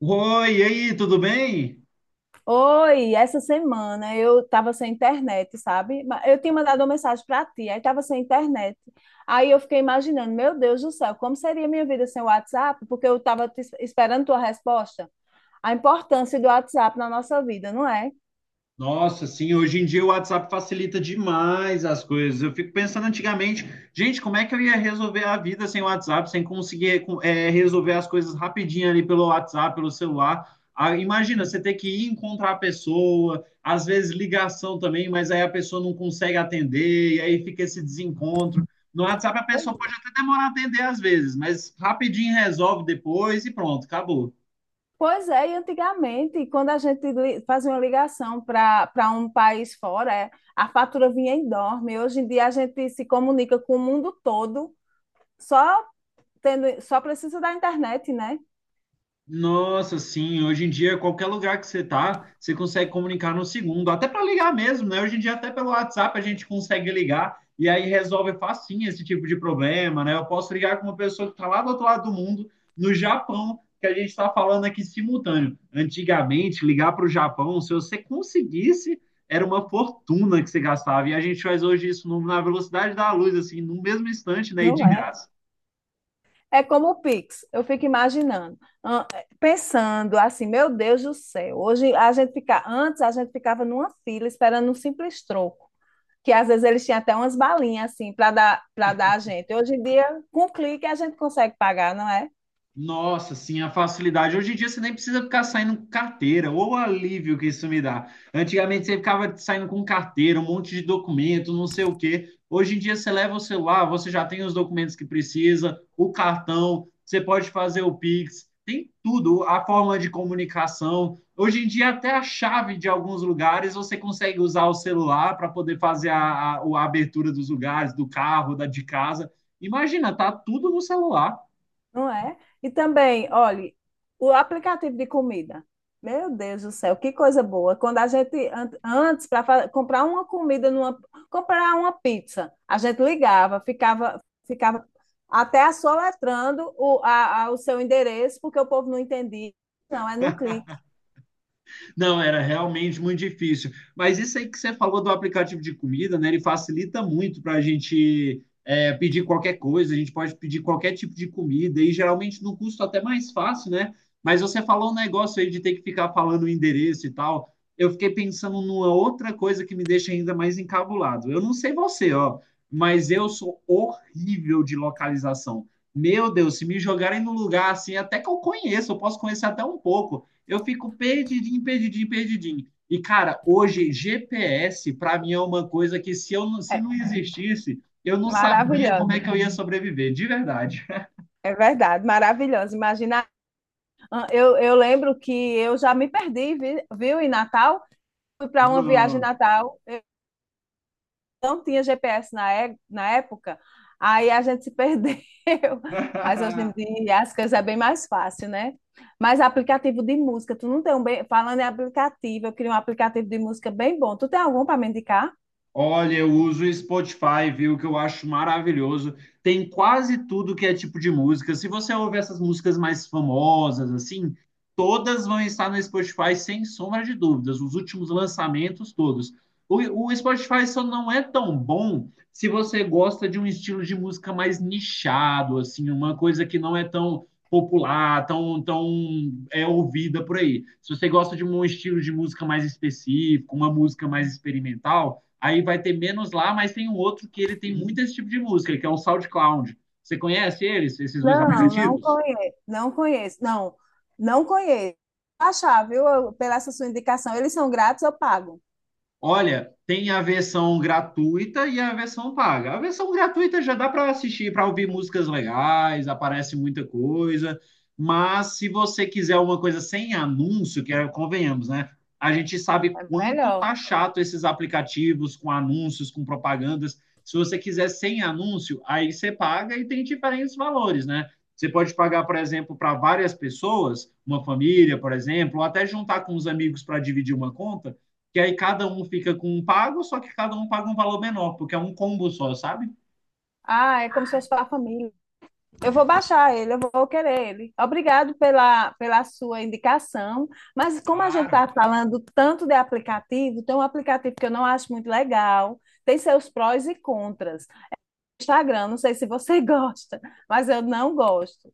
Oi, e aí, tudo bem? Oi, essa semana eu tava sem internet, sabe? Eu tinha mandado uma mensagem para ti, aí tava sem internet. Aí eu fiquei imaginando, meu Deus do céu, como seria minha vida sem o WhatsApp? Porque eu tava esperando tua resposta. A importância do WhatsApp na nossa vida, não é? Nossa, sim, hoje em dia o WhatsApp facilita demais as coisas. Eu fico pensando antigamente, gente, como é que eu ia resolver a vida sem o WhatsApp, sem conseguir resolver as coisas rapidinho ali pelo WhatsApp, pelo celular? Ah, imagina, você ter que ir encontrar a pessoa, às vezes ligação também, mas aí a pessoa não consegue atender, e aí fica esse desencontro. No WhatsApp a pessoa pode até demorar a atender às vezes, mas rapidinho resolve depois e pronto, acabou. Pois é, e antigamente, quando a gente fazia uma ligação para um país fora, é, a fatura vinha enorme. Hoje em dia a gente se comunica com o mundo todo, só só precisa da internet, né? Nossa, sim, hoje em dia, qualquer lugar que você tá, você consegue comunicar no segundo, até para ligar mesmo, né? Hoje em dia, até pelo WhatsApp, a gente consegue ligar e aí resolve facinho esse tipo de problema, né? Eu posso ligar com uma pessoa que está lá do outro lado do mundo, no Japão, que a gente está falando aqui simultâneo. Antigamente, ligar para o Japão, se você conseguisse, era uma fortuna que você gastava. E a gente faz hoje isso na velocidade da luz, assim, no mesmo instante, né? E de Não é? graça. É como o Pix, eu fico imaginando, ah, pensando assim, meu Deus do céu, hoje a gente fica, antes a gente ficava numa fila esperando um simples troco, que às vezes eles tinham até umas balinhas assim para dar a gente. Hoje em dia, com um clique a gente consegue pagar, não é? Nossa, sim, a facilidade. Hoje em dia você nem precisa ficar saindo com carteira, ou o alívio que isso me dá. Antigamente você ficava saindo com carteira, um monte de documento, não sei o quê. Hoje em dia você leva o celular, você já tem os documentos que precisa, o cartão, você pode fazer o Pix, tem tudo, a forma de comunicação. Hoje em dia até a chave de alguns lugares você consegue usar o celular para poder fazer a abertura dos lugares, do carro, da de casa. Imagina, tá tudo no celular. Não é? E também, olhe, o aplicativo de comida. Meu Deus do céu, que coisa boa. Quando a gente, antes, para comprar uma comida, comprar uma pizza, a gente ligava, ficava até soletrando o seu endereço, porque o povo não entendia. Não, é no clique. Não, era realmente muito difícil. Mas isso aí que você falou do aplicativo de comida, né? Ele facilita muito para a gente pedir qualquer coisa, a gente pode pedir qualquer tipo de comida, e geralmente num custo até mais fácil, né? Mas você falou um negócio aí de ter que ficar falando o endereço e tal. Eu fiquei pensando numa outra coisa que me deixa ainda mais encabulado. Eu não sei você, ó, mas eu sou horrível de localização. Meu Deus, se me jogarem no lugar assim, até que eu conheço, eu posso conhecer até um pouco, eu fico perdidinho, perdidinho, perdidinho. E, cara, hoje GPS, para mim, é uma coisa que se eu não, se não É, existisse, eu não sabia como maravilhosa. é que eu ia sobreviver, de verdade. É verdade, maravilhosa. Imagina, ah, eu lembro que eu já me perdi, viu, em Natal. Fui para uma viagem em Não. Natal. Não tinha GPS na época, aí a gente se perdeu. Mas hoje em dia as coisas é bem mais fácil, né? Mas aplicativo de música, tu não tem um bem. Falando em aplicativo, eu queria um aplicativo de música bem bom. Tu tem algum para me indicar? Olha, eu uso o Spotify, viu? Que eu acho maravilhoso. Tem quase tudo que é tipo de música. Se você ouvir essas músicas mais famosas, assim, todas vão estar no Spotify sem sombra de dúvidas. Os últimos lançamentos, todos. O Spotify só não é tão bom se você gosta de um estilo de música mais nichado, assim, uma coisa que não é tão popular, tão é ouvida por aí. Se você gosta de um estilo de música mais específico, uma música mais experimental aí vai ter menos lá, mas tem um outro que ele tem muito esse tipo de música, que é o SoundCloud. Você conhece eles, esses dois Não, não aplicativos? conheço, não conheço, não, não conheço. Achar, viu? Pela essa sua indicação, eles são grátis, eu pago. Olha, tem a versão gratuita e a versão paga. A versão gratuita já dá para assistir, para ouvir músicas legais, aparece muita coisa. Mas se você quiser uma coisa sem anúncio, que é, convenhamos, né? A gente sabe É quanto melhor. tá chato esses aplicativos com anúncios, com propagandas. Se você quiser sem anúncio, aí você paga e tem diferentes valores, né? Você pode pagar, por exemplo, para várias pessoas, uma família, por exemplo, ou até juntar com os amigos para dividir uma conta que aí cada um fica com um pago, só que cada um paga um valor menor, porque é um combo só, sabe? Ah, é como se fosse para a família. Eu vou baixar ele, eu vou querer ele. Obrigado pela sua indicação. Mas como a gente está Claro. falando tanto de aplicativo, tem um aplicativo que eu não acho muito legal, tem seus prós e contras. Instagram, não sei se você gosta, mas eu não gosto.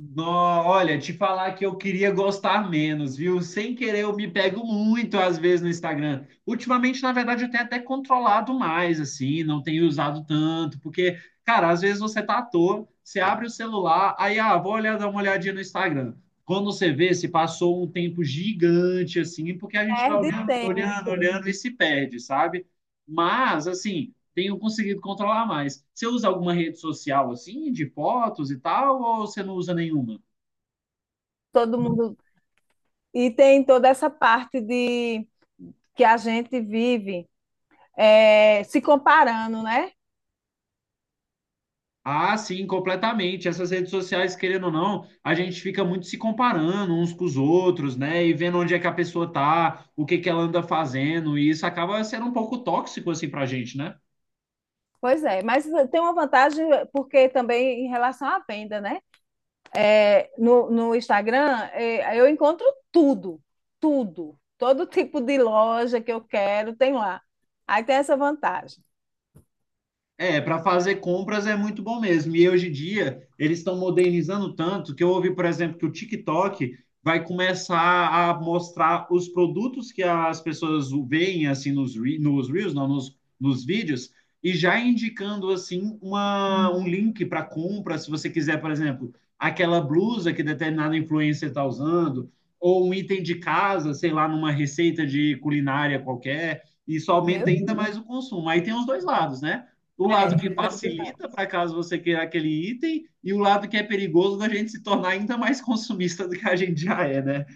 No, olha, te falar que eu queria gostar menos, viu? Sem querer, eu me pego muito às vezes no Instagram. Ultimamente, na verdade, eu tenho até controlado mais, assim, não tenho usado tanto, porque, cara, às vezes você tá à toa, você abre o celular, aí, ah, vou olhar, dar uma olhadinha no Instagram. Quando você vê, se passou um tempo gigante, assim, porque a gente vai Perde olhando, olhando, tempo. olhando e se perde, sabe? Mas, assim. Tenho conseguido controlar mais. Você usa alguma rede social assim, de fotos e tal, ou você não usa nenhuma? Todo mundo e tem toda essa parte de que a gente vive é, se comparando, né? Ah, sim, completamente. Essas redes sociais, querendo ou não, a gente fica muito se comparando uns com os outros, né? E vendo onde é que a pessoa tá, o que que ela anda fazendo, e isso acaba sendo um pouco tóxico assim pra gente, né? Pois é, mas tem uma vantagem porque também em relação à venda, né? É, no, no Instagram é, eu encontro tudo, tudo, todo tipo de loja que eu quero tem lá. Aí tem essa vantagem. É, para fazer compras é muito bom mesmo. E hoje em dia eles estão modernizando tanto que eu ouvi, por exemplo, que o TikTok vai começar a mostrar os produtos que as pessoas veem assim nos reels, não, nos vídeos, e já indicando assim um link para compra, se você quiser, por exemplo, aquela blusa que determinada influencer está usando, ou um item de casa, sei lá, numa receita de culinária qualquer. Isso aumenta Meu? ainda mais o consumo. Aí tem os dois lados, né? O lado É, que facilita para caso você queira aquele item e o lado que é perigoso da gente se tornar ainda mais consumista do que a gente já é, né?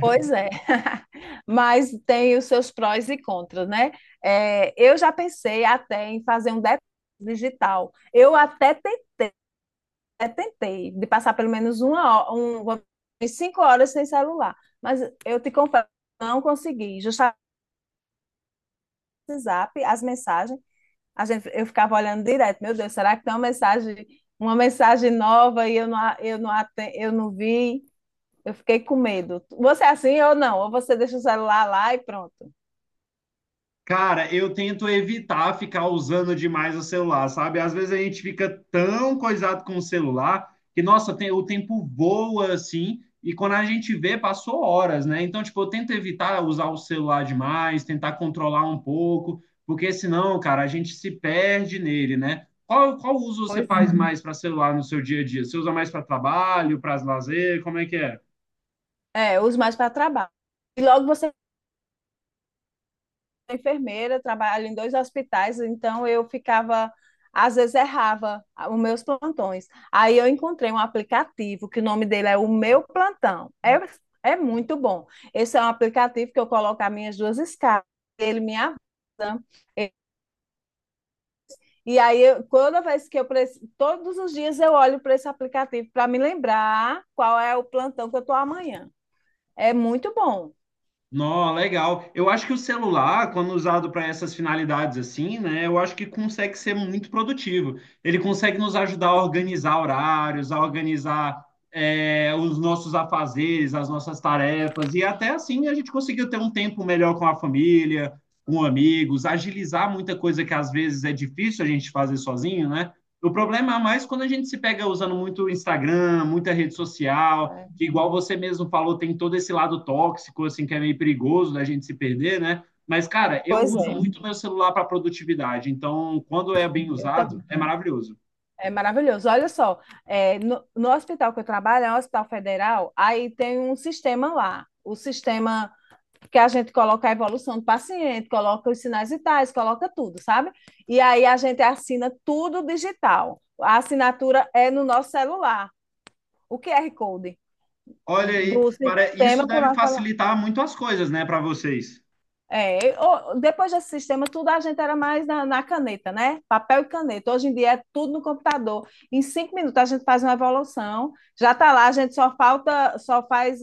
pois é, mas tem os seus prós e contras, né? É, eu já pensei até em fazer um detox digital. Eu até tentei, tentei de passar pelo menos uma hora, umas 5 horas sem celular, mas eu te confesso, não consegui. Justamente o WhatsApp, as mensagens, a gente, eu ficava olhando direto. Meu Deus, será que tem uma mensagem nova e eu não vi? Eu fiquei com medo. Você é assim ou não? Ou você deixa o celular lá e pronto. Cara, eu tento evitar ficar usando demais o celular, sabe? Às vezes a gente fica tão coisado com o celular que, nossa, o tempo voa assim, e quando a gente vê, passou horas, né? Então, tipo, eu tento evitar usar o celular demais, tentar controlar um pouco, porque senão, cara, a gente se perde nele, né? Qual uso você faz mais para celular no seu dia a dia? Você usa mais para trabalho, para lazer? Como é que é? É, eu uso mais para trabalho. E logo você é enfermeira, trabalha em dois hospitais, então eu ficava, às vezes errava os meus plantões. Aí eu encontrei um aplicativo que o nome dele é o Meu Plantão. É, é muito bom. Esse é um aplicativo que eu coloco as minhas duas escalas, ele me avisa. E aí, eu, toda vez que eu preciso, todos os dias eu olho para esse aplicativo para me lembrar qual é o plantão que eu estou amanhã. É muito bom. Nó, legal. Eu acho que o celular, quando usado para essas finalidades assim, né, eu acho que consegue ser muito produtivo. Ele consegue nos ajudar a organizar horários, a organizar os nossos afazeres, as nossas tarefas, e até assim a gente conseguiu ter um tempo melhor com a família, com amigos, agilizar muita coisa que às vezes é difícil a gente fazer sozinho, né? O problema é mais quando a gente se pega usando muito Instagram, muita rede social, É. que igual você mesmo falou, tem todo esse lado tóxico, assim, que é meio perigoso da gente se perder, né? Mas, cara, eu Pois uso é. muito meu celular para produtividade, então quando é bem Eu tam- usado, é maravilhoso. É maravilhoso. Olha só, é, no hospital que eu trabalho, é um hospital federal, aí tem um sistema lá. O sistema que a gente coloca a evolução do paciente, coloca os sinais vitais, coloca tudo, sabe? E aí a gente assina tudo digital. A assinatura é no nosso celular, o QR Code Olha aí, do para isso sistema por deve nosso celular. facilitar muito as coisas, né, para vocês. É, o- depois desse sistema, tudo a gente era mais na caneta, né? Papel e caneta. Hoje em dia é tudo no computador. Em 5 minutos a gente faz uma evolução, já está lá, a gente só falta, só faz,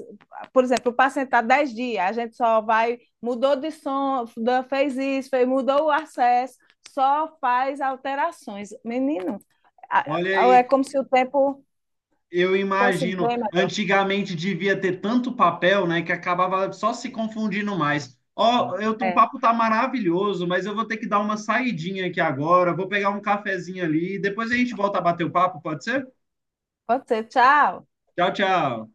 por exemplo, o paciente está 10 dias, a gente só vai, mudou de som, da- fez isso, fez- mudou o acesso, só faz alterações. Menino, Olha aí, é como se o tempo eu fosse imagino, bem melhor. antigamente devia ter tanto papel, né, que acabava só se confundindo mais. Ó, eu tô, o É, papo tá maravilhoso, mas eu vou ter que dar uma saidinha aqui agora, vou pegar um cafezinho ali, depois a gente volta a bater o papo, pode ser? pode ser, tchau. Tchau, tchau.